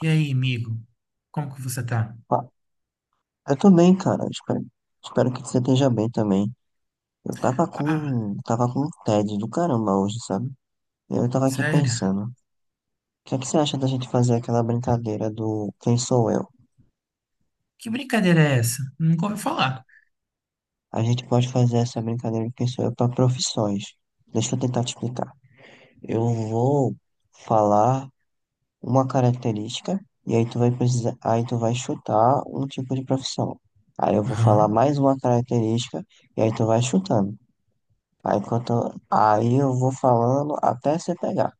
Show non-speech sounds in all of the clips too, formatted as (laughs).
E aí, amigo? Como que você tá? Ah, eu tô bem, cara. Espero que você esteja bem também. Ah, Tava com um tédio do caramba hoje, sabe? Eu tava aqui sério? pensando, o que é que você acha da gente fazer aquela brincadeira do Quem Sou Eu? Que brincadeira é essa? Nunca ouvi falar. A gente pode fazer essa brincadeira do Quem Sou Eu para profissões. Deixa eu tentar te explicar. Eu vou falar uma característica e aí aí tu vai chutar um tipo de profissão. Aí eu vou falar Aham, mais uma característica e aí tu vai chutando. Aí, enquanto, aí eu vou falando até você pegar,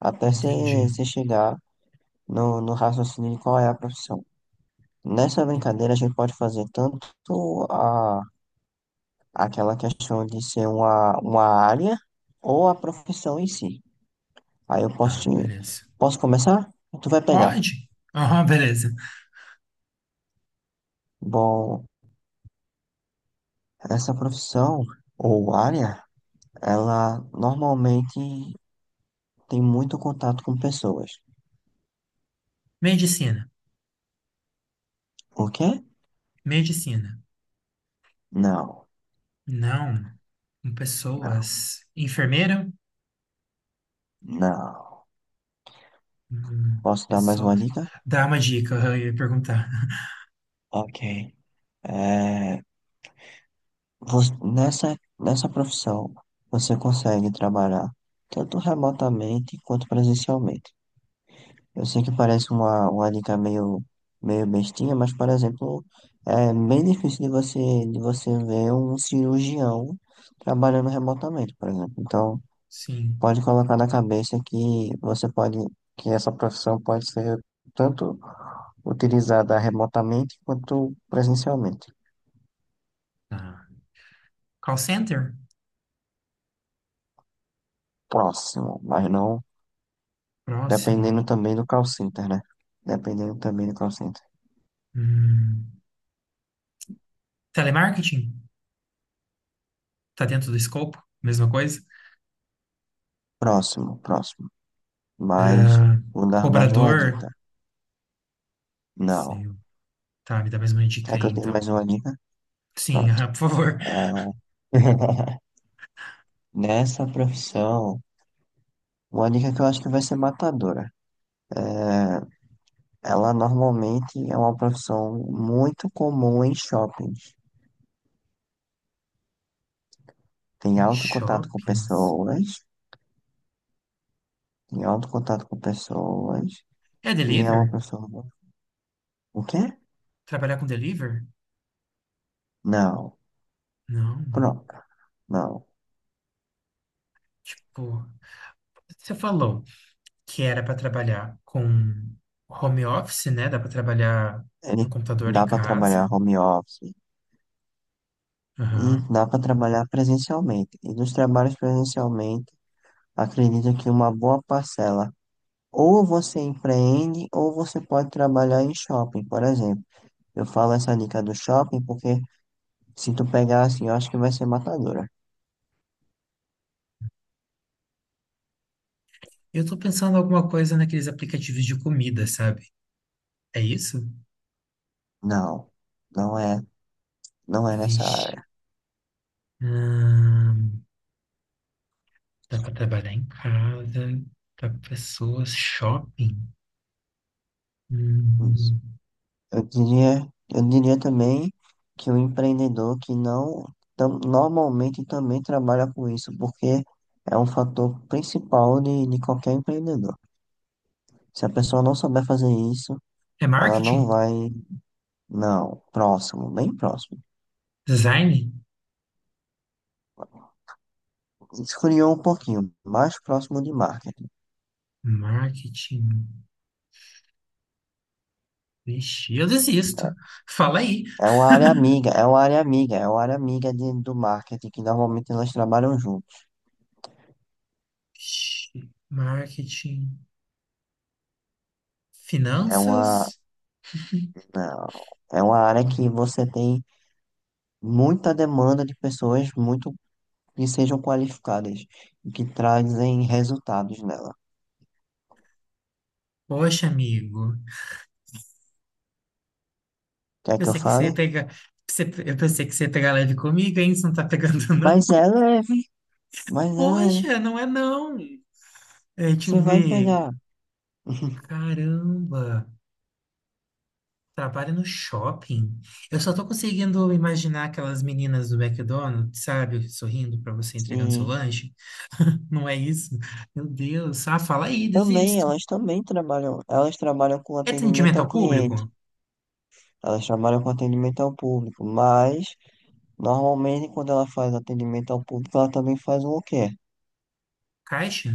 até você, entendi. você chegar no raciocínio de qual é a profissão. Nessa E- brincadeira, a gente pode fazer tanto a, aquela questão de ser uma área ou a profissão em si. Aí eu posso Tá, te, beleza. posso começar? Tu vai pegar. Pode? Aham, beleza. Bom, essa profissão ou área, ela normalmente tem muito contato com pessoas. Medicina. O quê? Medicina. Não, Não. Com não, pessoas. Enfermeira? não. Hum, Posso dar mais uma pessoas. dica? Dá uma dica, aham, eu ia perguntar. (laughs) Ok. É, nessa profissão, você consegue trabalhar tanto remotamente quanto presencialmente. Eu sei que parece uma dica meio bestinha, mas, por exemplo, é bem difícil de você ver um cirurgião trabalhando remotamente, por exemplo. Então, Sim. pode colocar na cabeça que que essa profissão pode ser tanto utilizada remotamente quanto presencialmente. Tá. Call center? Próximo, mas não, Próximo. dependendo também do call center, né? Dependendo também do call center. Hum, telemarketing? Tá dentro do escopo? Mesma coisa? Próximo. Mas Ah, vou dar mais uma cobrador. dica. Não. Sim. Tá, me dá mais uma dica Quer que aí, eu dê então. mais uma dica? Sim, (laughs) Pronto. ah, por favor. É... (laughs) Nessa profissão, uma dica que eu acho que vai ser matadora. É... Ela normalmente é uma profissão muito comum em shoppings. Tem Em alto contato com shoppings? pessoas, tem alto contato com pessoas, É e é uma deliver? pessoa. O quê? Trabalhar com deliver? Não. Não. Pronto. Não. Tipo, você falou que era para trabalhar com home office, né? Dá para trabalhar no Ele computador em dá para trabalhar casa. home office e Aham. dá para trabalhar presencialmente. E dos trabalhos presencialmente, acredito que uma boa parcela ou você empreende ou você pode trabalhar em shopping, por exemplo. Eu falo essa dica do shopping porque se tu pegar assim, eu acho que vai ser matadora. Eu tô pensando em alguma coisa naqueles aplicativos de comida, sabe? É isso? Não, não é, não é nessa Vixe. área. Ahn, dá para trabalhar em casa, para pessoas, shopping. Hum. Eu diria, eu diria também que o empreendedor que não normalmente também trabalha com isso, porque é um fator principal de qualquer empreendedor. Se a pessoa não souber fazer isso, É ela não marketing? vai, não, próximo, bem próximo. Design? Esfriou um pouquinho, mais próximo de marketing. Marketing. Vixe, eu desisto. Fala aí. É uma área amiga do marketing, que normalmente elas trabalham juntos. Vixe, marketing. É uma, Finanças? não, é uma área Hum, que você tem muita demanda de pessoas muito que sejam qualificadas e que trazem resultados nela. Poxa, amigo. Quer que eu Pensei que você fale? ia pegar. Eu pensei que você ia pegar leve comigo, hein? Você não tá pegando, (laughs) não. Mas é leve, mas é leve. Poxa, não é não. É, deixa eu Você vai ver. pegar. (laughs) Caramba. Trabalha no shopping. Eu só tô conseguindo imaginar aquelas meninas do McDonald's, sabe? Sorrindo pra você entregando seu Sim. lanche. Não é isso? Meu Deus. Ah, fala aí, Também, desisto. elas também trabalham, elas trabalham com É atendimento atendimento ao ao público? cliente, elas trabalham com atendimento ao público, mas normalmente quando ela faz atendimento ao público, ela também faz o quê? Caixa?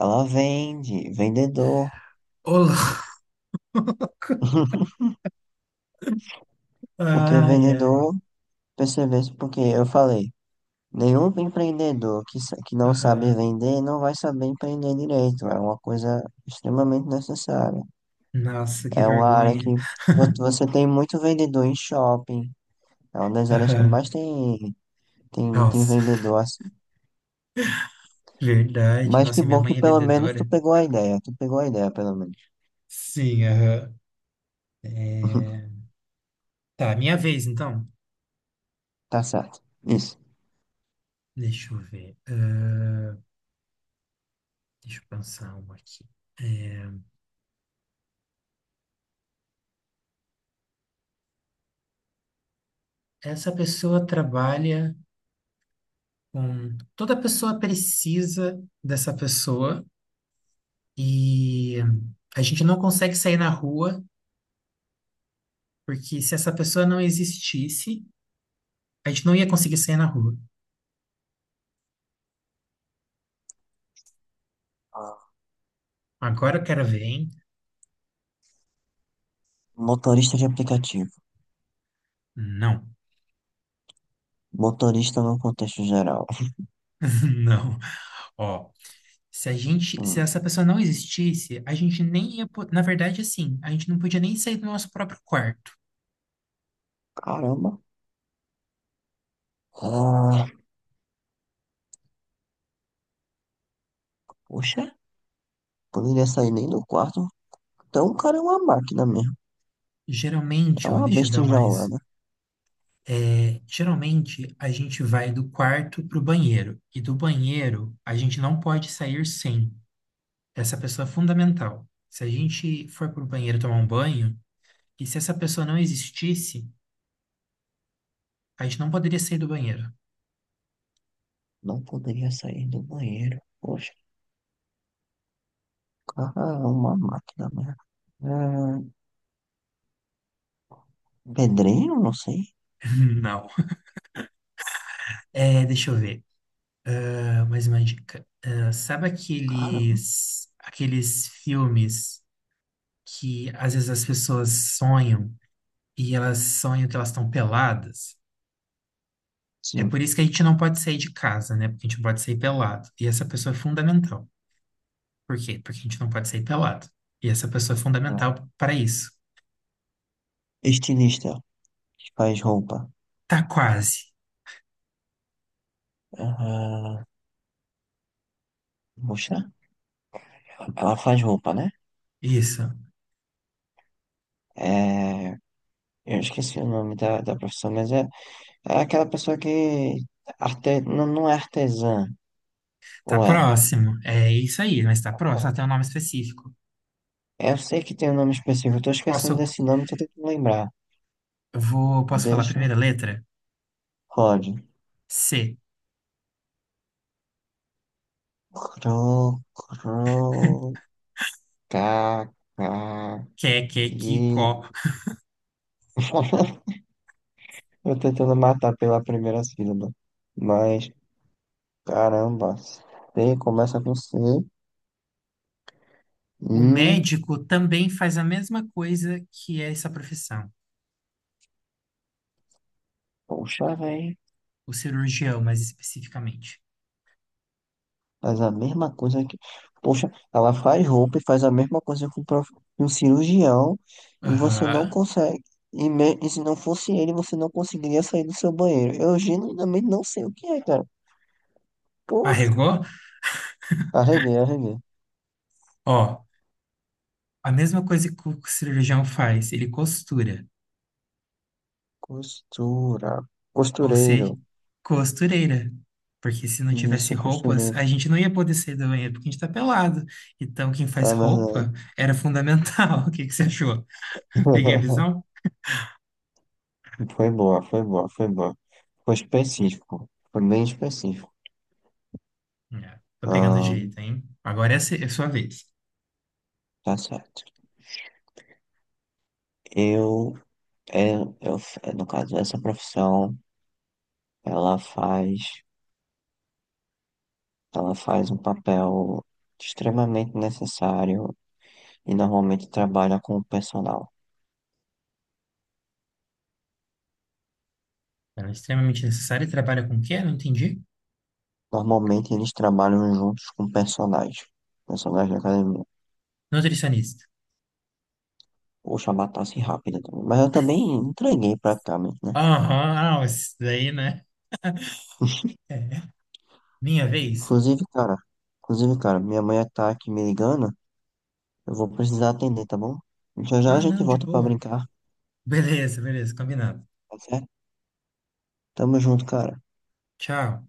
Ela vende, vendedor. Olá. (laughs) (laughs) Porque Ai, ai. vendedor, percebesse, porque eu falei, nenhum empreendedor que, que não sabe Aham. vender não vai saber empreender direito. É uma coisa extremamente necessária. Nossa, que É uma área que vergonha. (laughs) Você tem muito vendedor em shopping. É uma das áreas que mais Aham. tem, tem Nossa, vendedor assim. verdade. Mas que Nossa, e minha bom que mãe é pelo menos tu vendedora. pegou a ideia. Tu pegou a ideia, pelo menos. Sim, aham. É, (laughs) tá, minha vez então. Tá certo. Isso. Deixa eu ver. Ah, deixa eu pensar uma aqui. É, essa pessoa trabalha com. Toda pessoa precisa dessa pessoa e a gente não consegue sair na rua, porque se essa pessoa não existisse, a gente não ia conseguir sair na rua. Ah, Agora o cara vem? motorista de aplicativo. Não, Motorista no contexto geral. (laughs) não. Ó, se a gente, se Hum, essa pessoa não existisse, a gente nem ia, po- na verdade, assim, a gente não podia nem sair do nosso próprio quarto. caramba. Ah, poxa, poderia sair nem do quarto. Então o cara é uma máquina mesmo. É Geralmente, ó, uma deixa eu besta dar mais. enjaulada. Geralmente, a gente vai do quarto para o banheiro, e do banheiro a gente não pode sair sem. Essa pessoa é fundamental. Se a gente for para o banheiro tomar um banho, que se essa pessoa não existisse, a gente não poderia sair do banheiro. Não poderia sair do banheiro. Poxa, o cara, é uma máquina mesmo. É, pedreiro, não sei. (laughs) Não. É, deixa eu ver. Ah, mais uma dica. Ah, sabe Cara, aqueles filmes que às vezes as pessoas sonham e elas sonham que elas estão peladas? É sim. por isso que a gente não pode sair de casa, né? Porque a gente não pode sair pelado. E essa pessoa é fundamental. Por quê? Porque a gente não pode sair pelado. E essa pessoa é É. fundamental para isso. Estilista que faz roupa. Tá quase. Ah, poxa, ela faz roupa, né? Isso. É, eu esqueci o nome da profissão, mas é aquela pessoa que arte, não é artesã, Tá ou é? próximo. É isso aí, mas tá próximo. Até um nome específico. Eu sei que tem um nome específico, eu tô esquecendo Posso, desse nome, tô tentando lembrar. eu vou, posso falar a Deixa, primeira letra? pode. C. Cro, cro, ca, ca, Que, é, que, é, que, que. có. (laughs) Eu tentando matar pela primeira sílaba. Mas, caramba, C começa com C. O Hum, médico também faz a mesma coisa que essa profissão. poxa, velho. O cirurgião, mais especificamente. Faz a mesma coisa que. Poxa, ela faz roupa e faz a mesma coisa com um um cirurgião. E você não Aham. consegue. E, e se não fosse ele, você não conseguiria sair do seu banheiro. Eu genuinamente não sei o que é, cara. Poxa, Arregou? Arreguei. Ó, a mesma coisa que o cirurgião faz. Ele costura. Costura. Ou Costureiro. ser costureira. Porque se não tivesse Isso, roupas, costureiro. a gente não ia poder sair do banheiro porque a gente tá pelado. Então, quem faz Ah, roupa verdade. era fundamental. (laughs) O que que você achou? Peguei a visão? (laughs) Foi boa. Foi específico. Foi bem específico. É, tô pegando Ah, jeito, hein? Agora é a se- é a sua vez. tá certo. Eu, é, eu, é no caso, essa profissão, ela faz, ela faz um papel extremamente necessário e normalmente trabalha com o personal. Ela é extremamente necessária e trabalha com o quê? Não entendi. Normalmente eles trabalham juntos com personagens. Personagens da academia. Nutricionista. Poxa, matasse rápida também. Mas eu também entreguei praticamente, né? Aham, ah, isso daí, né? (laughs) É. Minha vez? Inclusive, cara, inclusive, cara, minha mãe tá aqui me ligando. Eu vou precisar atender, tá bom? Já já a Ah, gente não, de volta pra boa. brincar, Beleza, beleza, combinado. tá certo? Tamo junto, cara. Tchau.